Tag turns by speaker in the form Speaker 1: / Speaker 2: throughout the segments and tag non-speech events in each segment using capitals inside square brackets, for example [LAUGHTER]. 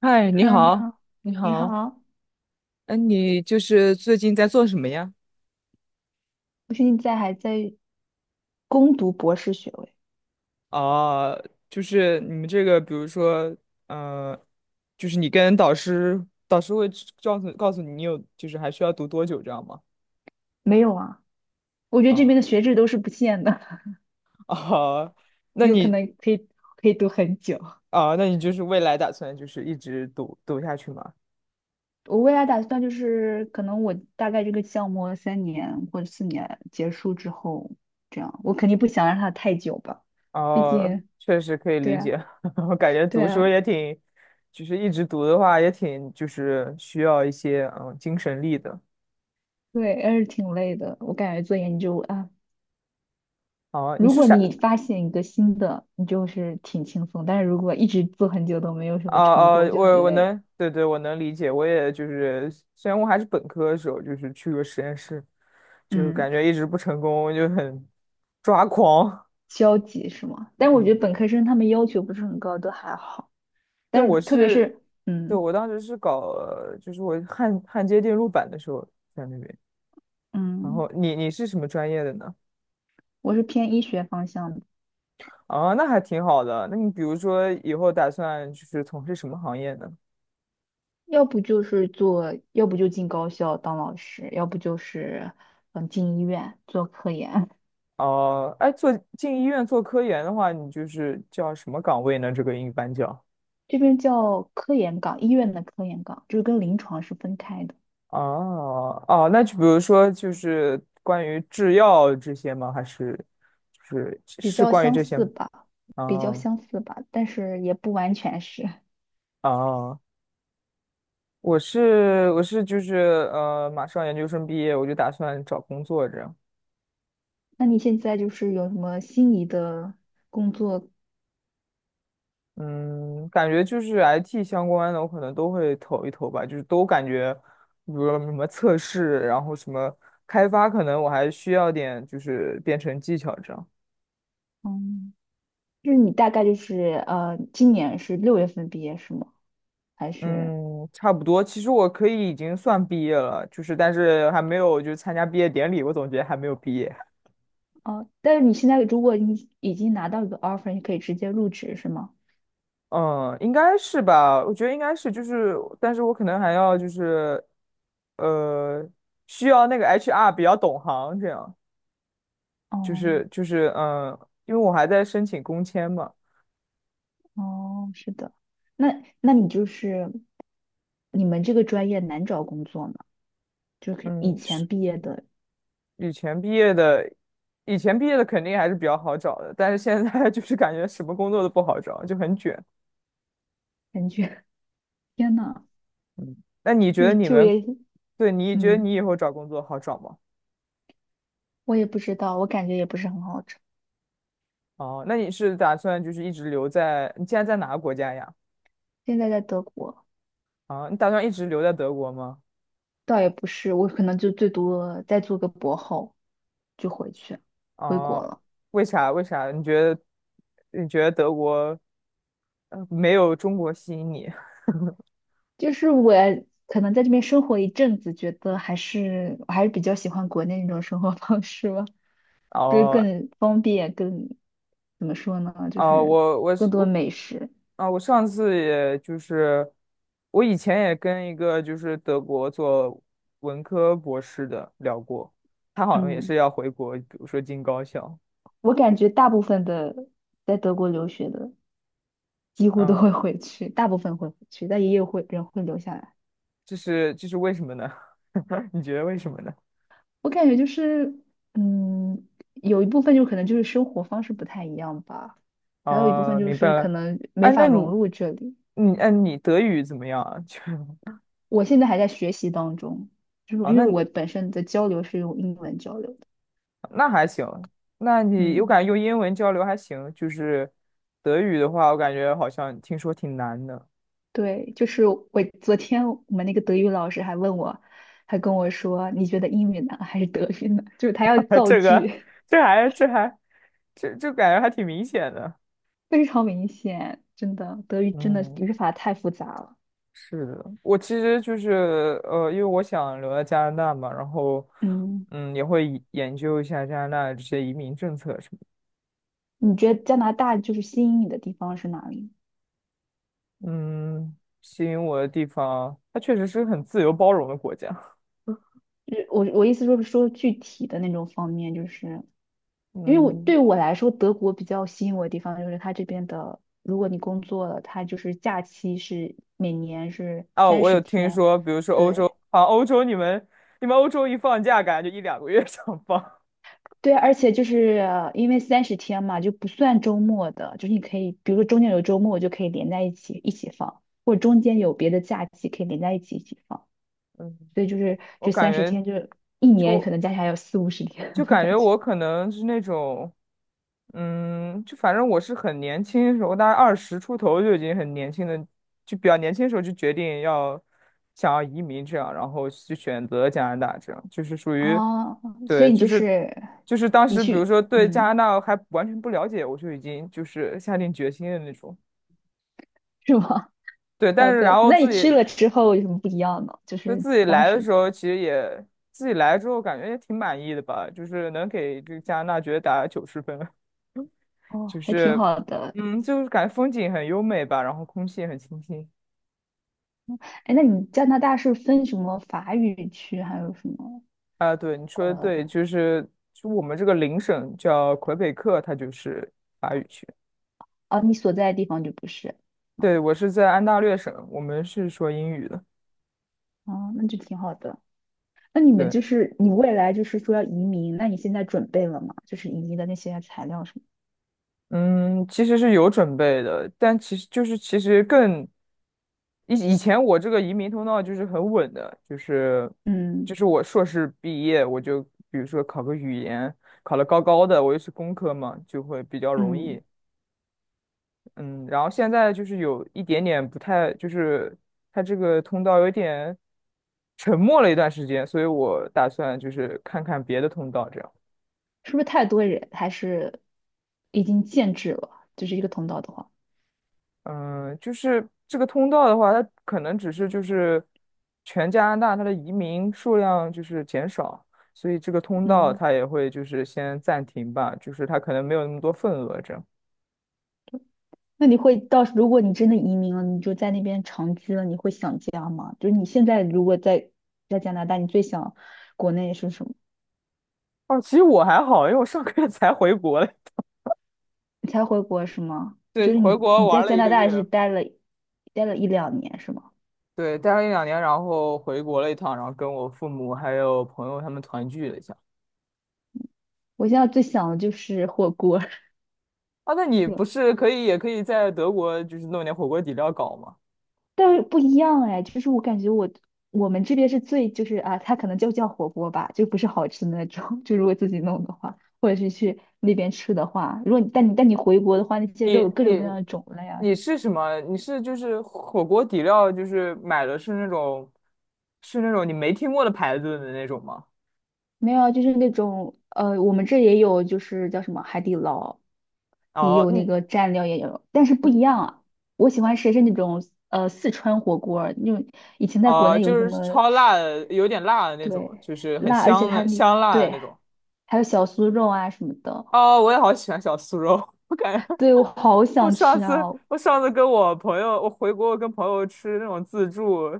Speaker 1: 嗨，你
Speaker 2: Hello，你
Speaker 1: 好，
Speaker 2: 好，
Speaker 1: 你
Speaker 2: 你
Speaker 1: 好。
Speaker 2: 好，
Speaker 1: 哎，你就是最近在做什么呀？
Speaker 2: 我现在还在攻读博士学位。
Speaker 1: 哦，就是你们这个，比如说，嗯，就是你跟导师会知告诉告诉你，你有就是还需要读多久这样吗？
Speaker 2: 没有啊？我觉得这边
Speaker 1: 啊
Speaker 2: 的学制都是不限的。
Speaker 1: 啊。[LAUGHS]
Speaker 2: [LAUGHS]
Speaker 1: 那
Speaker 2: 有可
Speaker 1: 你
Speaker 2: 能可以读很久。
Speaker 1: 那你就是未来打算就是一直读读下去吗？
Speaker 2: 我未来打算就是，可能我大概这个项目3年或者4年结束之后，这样我肯定不想让它太久吧。毕
Speaker 1: 哦，
Speaker 2: 竟
Speaker 1: 确实可以
Speaker 2: 对
Speaker 1: 理
Speaker 2: 啊，
Speaker 1: 解，[LAUGHS] 我感觉
Speaker 2: 对
Speaker 1: 读书
Speaker 2: 啊，
Speaker 1: 也挺，就是一直读的话也挺就是需要一些精神力的。
Speaker 2: 对，还是挺累的。我感觉做研究啊，
Speaker 1: 哦，你
Speaker 2: 如
Speaker 1: 是
Speaker 2: 果
Speaker 1: 啥？
Speaker 2: 你发现一个新的，你就是挺轻松，但是如果一直做很久都没有什
Speaker 1: 啊
Speaker 2: 么成
Speaker 1: 啊，
Speaker 2: 果，就
Speaker 1: 我
Speaker 2: 很
Speaker 1: 我
Speaker 2: 累。
Speaker 1: 能，对对，我能理解。我也就是，虽然我还是本科的时候，就是去过实验室，就
Speaker 2: 嗯，
Speaker 1: 感觉一直不成功，就很抓狂。
Speaker 2: 消极是吗？但我觉
Speaker 1: 嗯，
Speaker 2: 得本科生他们要求不是很高，都还好。
Speaker 1: 对，
Speaker 2: 但是
Speaker 1: 我
Speaker 2: 特别
Speaker 1: 是，
Speaker 2: 是，
Speaker 1: 对，我当时是搞，就是我焊接电路板的时候在那边。然
Speaker 2: 嗯，
Speaker 1: 后你是什么专业的呢？
Speaker 2: 我是偏医学方向的。
Speaker 1: 啊，那还挺好的。那你比如说以后打算就是从事什么行业呢？
Speaker 2: 要不就是做，要不就进高校当老师，要不就是进医院做科研。[LAUGHS]
Speaker 1: 哦、哎，进医院做科研的话，你就是叫什么岗位呢？这个英语班叫。
Speaker 2: 这边叫科研岗，医院的科研岗，就是跟临床是分开的，
Speaker 1: 哦哦，那就比如说，就是关于制药这些吗？还是就是
Speaker 2: 比较
Speaker 1: 关于
Speaker 2: 相
Speaker 1: 这些
Speaker 2: 似
Speaker 1: 吗？
Speaker 2: 吧，比较
Speaker 1: 哦
Speaker 2: 相似吧，但是也不完全是。[LAUGHS]
Speaker 1: 哦，我是就是马上研究生毕业，我就打算找工作这样。
Speaker 2: 那你现在就是有什么心仪的工作？
Speaker 1: 嗯，感觉就是 IT 相关的，我可能都会投一投吧，就是都感觉，比如说什么测试，然后什么开发，可能我还需要点就是编程技巧这样。
Speaker 2: 嗯。就是你大概就是今年是六月份毕业是吗？还是
Speaker 1: 嗯，差不多。其实我可以已经算毕业了，就是但是还没有就参加毕业典礼，我总觉得还没有毕业。
Speaker 2: 哦？但是你现在如果你已经拿到一个 offer，你可以直接入职是吗？
Speaker 1: 嗯，应该是吧？我觉得应该是，就是但是我可能还要就是，呃，需要那个 HR 比较懂行，这样就
Speaker 2: 哦
Speaker 1: 是因为我还在申请工签嘛。
Speaker 2: 哦，是的。那你就是你们这个专业难找工作吗？就是以
Speaker 1: 嗯，
Speaker 2: 前
Speaker 1: 是
Speaker 2: 毕业的
Speaker 1: 以前毕业的，以前毕业的肯定还是比较好找的，但是现在 [LAUGHS] 就是感觉什么工作都不好找，就很卷。
Speaker 2: 感觉，[LAUGHS] 天呐，
Speaker 1: 嗯，那你觉
Speaker 2: 就
Speaker 1: 得
Speaker 2: 是
Speaker 1: 你
Speaker 2: 就
Speaker 1: 们？
Speaker 2: 业，
Speaker 1: 对，你觉得你
Speaker 2: 嗯，
Speaker 1: 以后找工作好找吗？
Speaker 2: 我也不知道，我感觉也不是很好找。
Speaker 1: 哦，那你是打算就是一直留在，你现在在哪个国家呀？
Speaker 2: 现在在德国。
Speaker 1: 啊，你打算一直留在德国吗？
Speaker 2: 倒也不是，我可能就最多再做个博后就回国
Speaker 1: 哦，
Speaker 2: 了。
Speaker 1: 为啥？为啥？你觉得德国没有中国吸引你？
Speaker 2: 就是我可能在这边生活一阵子，觉得我还是比较喜欢国内那种生活方式吧，
Speaker 1: [LAUGHS]
Speaker 2: 就是
Speaker 1: 哦
Speaker 2: 更方便，更怎么说呢，就
Speaker 1: 哦，
Speaker 2: 是
Speaker 1: 我我
Speaker 2: 更
Speaker 1: 是
Speaker 2: 多
Speaker 1: 我
Speaker 2: 美食。
Speaker 1: 啊，我以前也跟一个就是德国做文科博士的聊过，他好像也
Speaker 2: 嗯，
Speaker 1: 是要回国，比如说进高校。
Speaker 2: 我感觉大部分的在德国留学的几乎都
Speaker 1: 嗯。
Speaker 2: 会回去，大部分会回去，但也有会人会留下来。
Speaker 1: 这是为什么呢？[LAUGHS] 你觉得为什么呢？
Speaker 2: 我感觉就是，嗯，有一部分就可能就是生活方式不太一样吧，还有一部分
Speaker 1: 哦，
Speaker 2: 就
Speaker 1: 明白
Speaker 2: 是可
Speaker 1: 了。
Speaker 2: 能没
Speaker 1: 哎，
Speaker 2: 法
Speaker 1: 那你
Speaker 2: 融入这里。
Speaker 1: 你哎，你德语怎么样啊？[LAUGHS]
Speaker 2: 我现在还在学习当中，就是因为
Speaker 1: 那
Speaker 2: 我本身的交流是用英文交流的。
Speaker 1: 还行。我
Speaker 2: 嗯，
Speaker 1: 感觉用英文交流还行，就是德语的话，我感觉好像听说挺难的。
Speaker 2: 对，就是我昨天我们那个德语老师还问我，还跟我说，你觉得英语难还是德语难？[LAUGHS] 就是他要
Speaker 1: [LAUGHS]
Speaker 2: 造
Speaker 1: 这个
Speaker 2: 句。
Speaker 1: 这还这还这感觉还挺明显的。
Speaker 2: [LAUGHS] 非常明显，真的，德语真的
Speaker 1: 嗯，
Speaker 2: 语法太复杂了。
Speaker 1: 是的，我其实就是因为我想留在加拿大嘛，然后
Speaker 2: 嗯，
Speaker 1: 嗯，也会以研究一下加拿大的这些移民政策什么的。
Speaker 2: 你觉得加拿大就是吸引你的地方是哪里？
Speaker 1: 嗯，吸引我的地方，它确实是很自由包容的国家。[LAUGHS]
Speaker 2: 就是我意思就是说具体的那种方面，就是因为
Speaker 1: 嗯，
Speaker 2: 我来说，德国比较吸引我的地方就是它这边的，如果你工作了，它就是假期是每年是
Speaker 1: 哦，
Speaker 2: 三
Speaker 1: 我
Speaker 2: 十
Speaker 1: 有听
Speaker 2: 天。
Speaker 1: 说，比如说欧
Speaker 2: 对
Speaker 1: 洲，你们欧洲一放假，感觉就一两个月 [LAUGHS] 想放。
Speaker 2: 对，而且就是因为三十天嘛，就不算周末的，就是你可以，比如说中间有周末，我就可以连在一起放，或者中间有别的假期可以连在一起放，
Speaker 1: [LAUGHS] 嗯，
Speaker 2: 所以就是
Speaker 1: 我
Speaker 2: 这
Speaker 1: 感
Speaker 2: 三十
Speaker 1: 觉。
Speaker 2: 天就是一年
Speaker 1: 就。
Speaker 2: 可能加起来有四五十天
Speaker 1: 就
Speaker 2: 的
Speaker 1: 感
Speaker 2: 感
Speaker 1: 觉
Speaker 2: 觉。
Speaker 1: 我可能是那种，嗯，就反正我是很年轻的时候，大概二十出头就已经很年轻的，就比较年轻的时候就决定想要移民这样，然后去选择加拿大这样，就是属于，
Speaker 2: 哦，所
Speaker 1: 对，
Speaker 2: 以
Speaker 1: 就是当
Speaker 2: 你
Speaker 1: 时比如
Speaker 2: 去，
Speaker 1: 说对加拿大还完全不了解，我就已经就是下定决心的那种。
Speaker 2: 是吗？
Speaker 1: 对，但
Speaker 2: 好
Speaker 1: 是然
Speaker 2: 的，
Speaker 1: 后
Speaker 2: 那你去了之后有什么不一样呢？就是
Speaker 1: 自己
Speaker 2: 当
Speaker 1: 来的
Speaker 2: 时
Speaker 1: 时候，其实也自己来之后感觉也挺满意的吧，就是能给这个加拿大觉得打90分。
Speaker 2: 哦，
Speaker 1: 就
Speaker 2: 还挺
Speaker 1: 是，
Speaker 2: 好的。
Speaker 1: 嗯，就是感觉风景很优美吧，然后空气也很清新。
Speaker 2: 哎，那你加拿大是分什么法语区，还有什么
Speaker 1: 啊，对，你说的
Speaker 2: 呃，
Speaker 1: 对，就我们这个邻省叫魁北克，它就是法语区。
Speaker 2: 哦，你所在的地方就不是啊？
Speaker 1: 对，我是在安大略省，我们是说英语的。
Speaker 2: 哦，那就挺好的。那你们
Speaker 1: 对，
Speaker 2: 就是你未来就是说要移民，那你现在准备了吗？就是移民的那些材料什么？
Speaker 1: 嗯，其实是有准备的，但其实就是其实更以以前我这个移民通道就是很稳的，就是
Speaker 2: 嗯
Speaker 1: 我硕士毕业，我就比如说考个语言，考了高高的，我又是工科嘛，就会比较容
Speaker 2: 嗯，
Speaker 1: 易。嗯，然后现在就是有一点点不太，就是它这个通道有点沉默了一段时间，所以我打算就是看看别的通道，这样。
Speaker 2: 是不是太多人还是已经限制了？就是一个通道的话。
Speaker 1: 嗯，就是这个通道的话，它可能只是就是全加拿大它的移民数量就是减少，所以这个通道
Speaker 2: 嗯。
Speaker 1: 它也会就是先暂停吧，就是它可能没有那么多份额这样。
Speaker 2: 那你会到时如果你真的移民了，你就在那边长居了，你会想家吗？就是你现在如果在加拿大，你最想国内是什么？
Speaker 1: 哦，其实我还好，因为我上个月才回国嘞。
Speaker 2: 你才回国是吗？
Speaker 1: [LAUGHS] 对，
Speaker 2: 就是
Speaker 1: 回
Speaker 2: 你
Speaker 1: 国
Speaker 2: 你在
Speaker 1: 玩了
Speaker 2: 加
Speaker 1: 一
Speaker 2: 拿
Speaker 1: 个
Speaker 2: 大是
Speaker 1: 月。
Speaker 2: 待了一两年是吗？
Speaker 1: 对，待了一两年，然后回国了一趟，然后跟我父母还有朋友他们团聚了一下。
Speaker 2: 我现在最想的就是火锅。[LAUGHS]
Speaker 1: 啊，那你
Speaker 2: 对，
Speaker 1: 不是可以也可以在德国就是弄点火锅底料搞吗？
Speaker 2: 但是不一样哎，就是我感觉我们这边是最就是啊，它可能就叫火锅吧，就不是好吃的那种。[LAUGHS] 就如果自己弄的话，或者是去那边吃的话，如果你但你回国的话，那些肉
Speaker 1: 你
Speaker 2: 有各种各样
Speaker 1: 你
Speaker 2: 的种类啊。
Speaker 1: 你是什么？你是就是火锅底料，就是买的是是那种你没听过的牌子的那种吗？
Speaker 2: 没有啊，就是那种我们这也有，就是叫什么海底捞，也
Speaker 1: 哦，
Speaker 2: 有那
Speaker 1: 你
Speaker 2: 个蘸料也有，但是不一样啊。我喜欢吃的是那种四川火锅儿那种，以前在国
Speaker 1: 哦，
Speaker 2: 内有
Speaker 1: 就
Speaker 2: 什
Speaker 1: 是
Speaker 2: 么
Speaker 1: 超辣的，有点辣的那种，
Speaker 2: 对，
Speaker 1: 就是很
Speaker 2: 辣，而且
Speaker 1: 香
Speaker 2: 它
Speaker 1: 的
Speaker 2: 那
Speaker 1: 香辣的
Speaker 2: 对，
Speaker 1: 那种。
Speaker 2: 还有小酥肉啊什么的。
Speaker 1: 哦，我也好喜欢小酥肉，[LAUGHS] 我感觉
Speaker 2: 对，我好想吃啊。
Speaker 1: 我上次跟我朋友，我回国跟朋友吃那种自助，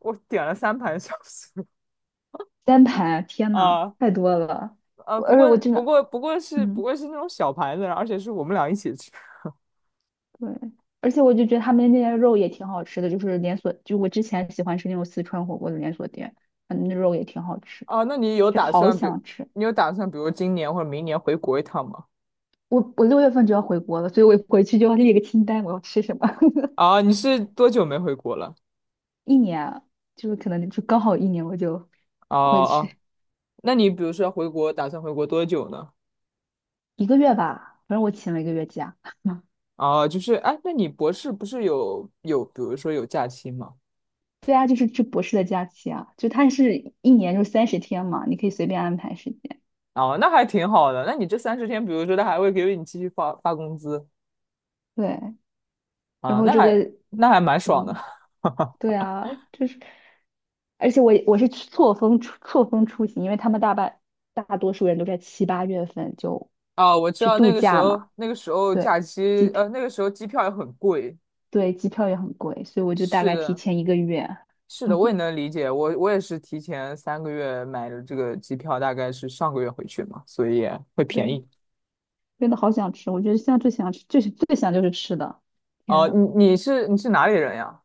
Speaker 1: 我点了3盘小酥肉。
Speaker 2: 三盘啊，天呐，
Speaker 1: 啊
Speaker 2: 太多了。
Speaker 1: 啊，
Speaker 2: 而且我真的，
Speaker 1: 不
Speaker 2: 嗯。
Speaker 1: 过是那种小盘子，而且是我们俩一起吃
Speaker 2: 对，而且我就觉得他们那边肉也挺好吃的，就是连锁，就我之前喜欢吃那种四川火锅的连锁店，那肉也挺好吃的，
Speaker 1: 啊。那你有
Speaker 2: 就
Speaker 1: 打
Speaker 2: 好
Speaker 1: 算比
Speaker 2: 想吃。
Speaker 1: 你有打算比如今年或者明年回国一趟吗？
Speaker 2: 我六月份就要回国了，所以我回去就要列个清单，我要吃什么。[LAUGHS]
Speaker 1: 啊，你是多久没回国了？
Speaker 2: 一年啊，就是可能就刚好一年，我就
Speaker 1: 哦
Speaker 2: 回
Speaker 1: 哦，
Speaker 2: 去
Speaker 1: 那你比如说回国，打算回国多久呢？
Speaker 2: 一个月吧，反正我请了一个月假。[LAUGHS]
Speaker 1: 哦，就是哎，那你博士不是有比如说有假期吗？
Speaker 2: 对啊，就是这博士的假期啊，就它是一年就三十天嘛，你可以随便安排时间。
Speaker 1: 哦，那还挺好的。那你这30天，比如说他还会给你继续发工资？
Speaker 2: 对，然
Speaker 1: 啊，
Speaker 2: 后
Speaker 1: 那
Speaker 2: 这
Speaker 1: 还
Speaker 2: 个，
Speaker 1: 蛮爽的。
Speaker 2: 嗯。对
Speaker 1: [LAUGHS]
Speaker 2: 啊，就是，而且我是错峰出行，因为他们大多数人都在7、8月份就
Speaker 1: 啊，我知
Speaker 2: 去
Speaker 1: 道那
Speaker 2: 度
Speaker 1: 个时
Speaker 2: 假
Speaker 1: 候，
Speaker 2: 嘛。
Speaker 1: 那个时候
Speaker 2: 对，
Speaker 1: 假
Speaker 2: 机
Speaker 1: 期，
Speaker 2: 票
Speaker 1: 那个时候机票也很贵。
Speaker 2: 对，机票也很贵，所以我就大
Speaker 1: 是
Speaker 2: 概提
Speaker 1: 的，
Speaker 2: 前一个月。
Speaker 1: 是的，我也
Speaker 2: [LAUGHS]
Speaker 1: 能理解。我我也是提前3个月买的这个机票，大概是上个月回去嘛，所以也会便
Speaker 2: 对，
Speaker 1: 宜。
Speaker 2: 真的好想吃，我觉得现在最想吃最最想就是吃的，天
Speaker 1: 哦，
Speaker 2: 呐。
Speaker 1: 你是你是哪里人呀？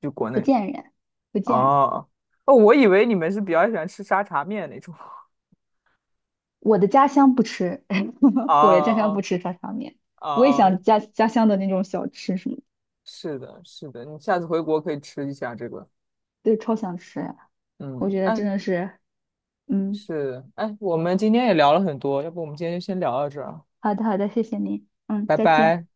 Speaker 1: 就国
Speaker 2: 不
Speaker 1: 内。
Speaker 2: 见人，不
Speaker 1: 哦
Speaker 2: 见人。
Speaker 1: 哦，哦我以为你们是比较喜欢吃沙茶面那种。[LAUGHS]
Speaker 2: 我的家乡不吃。[LAUGHS]
Speaker 1: 哦
Speaker 2: 我的家乡不
Speaker 1: 哦
Speaker 2: 吃沙茶面。
Speaker 1: 哦
Speaker 2: 我也
Speaker 1: 哦，
Speaker 2: 想家乡的那种小吃什么的。
Speaker 1: 是的，是的，你下次回国可以吃一下这个。
Speaker 2: 对，超想吃呀，我
Speaker 1: 嗯，
Speaker 2: 觉得真
Speaker 1: 哎，
Speaker 2: 的是。嗯，
Speaker 1: 是的，哎，我们今天也聊了很多，要不我们今天就先聊到这儿啊。
Speaker 2: 好的，好的，谢谢您。嗯，
Speaker 1: 拜
Speaker 2: 再见。
Speaker 1: 拜。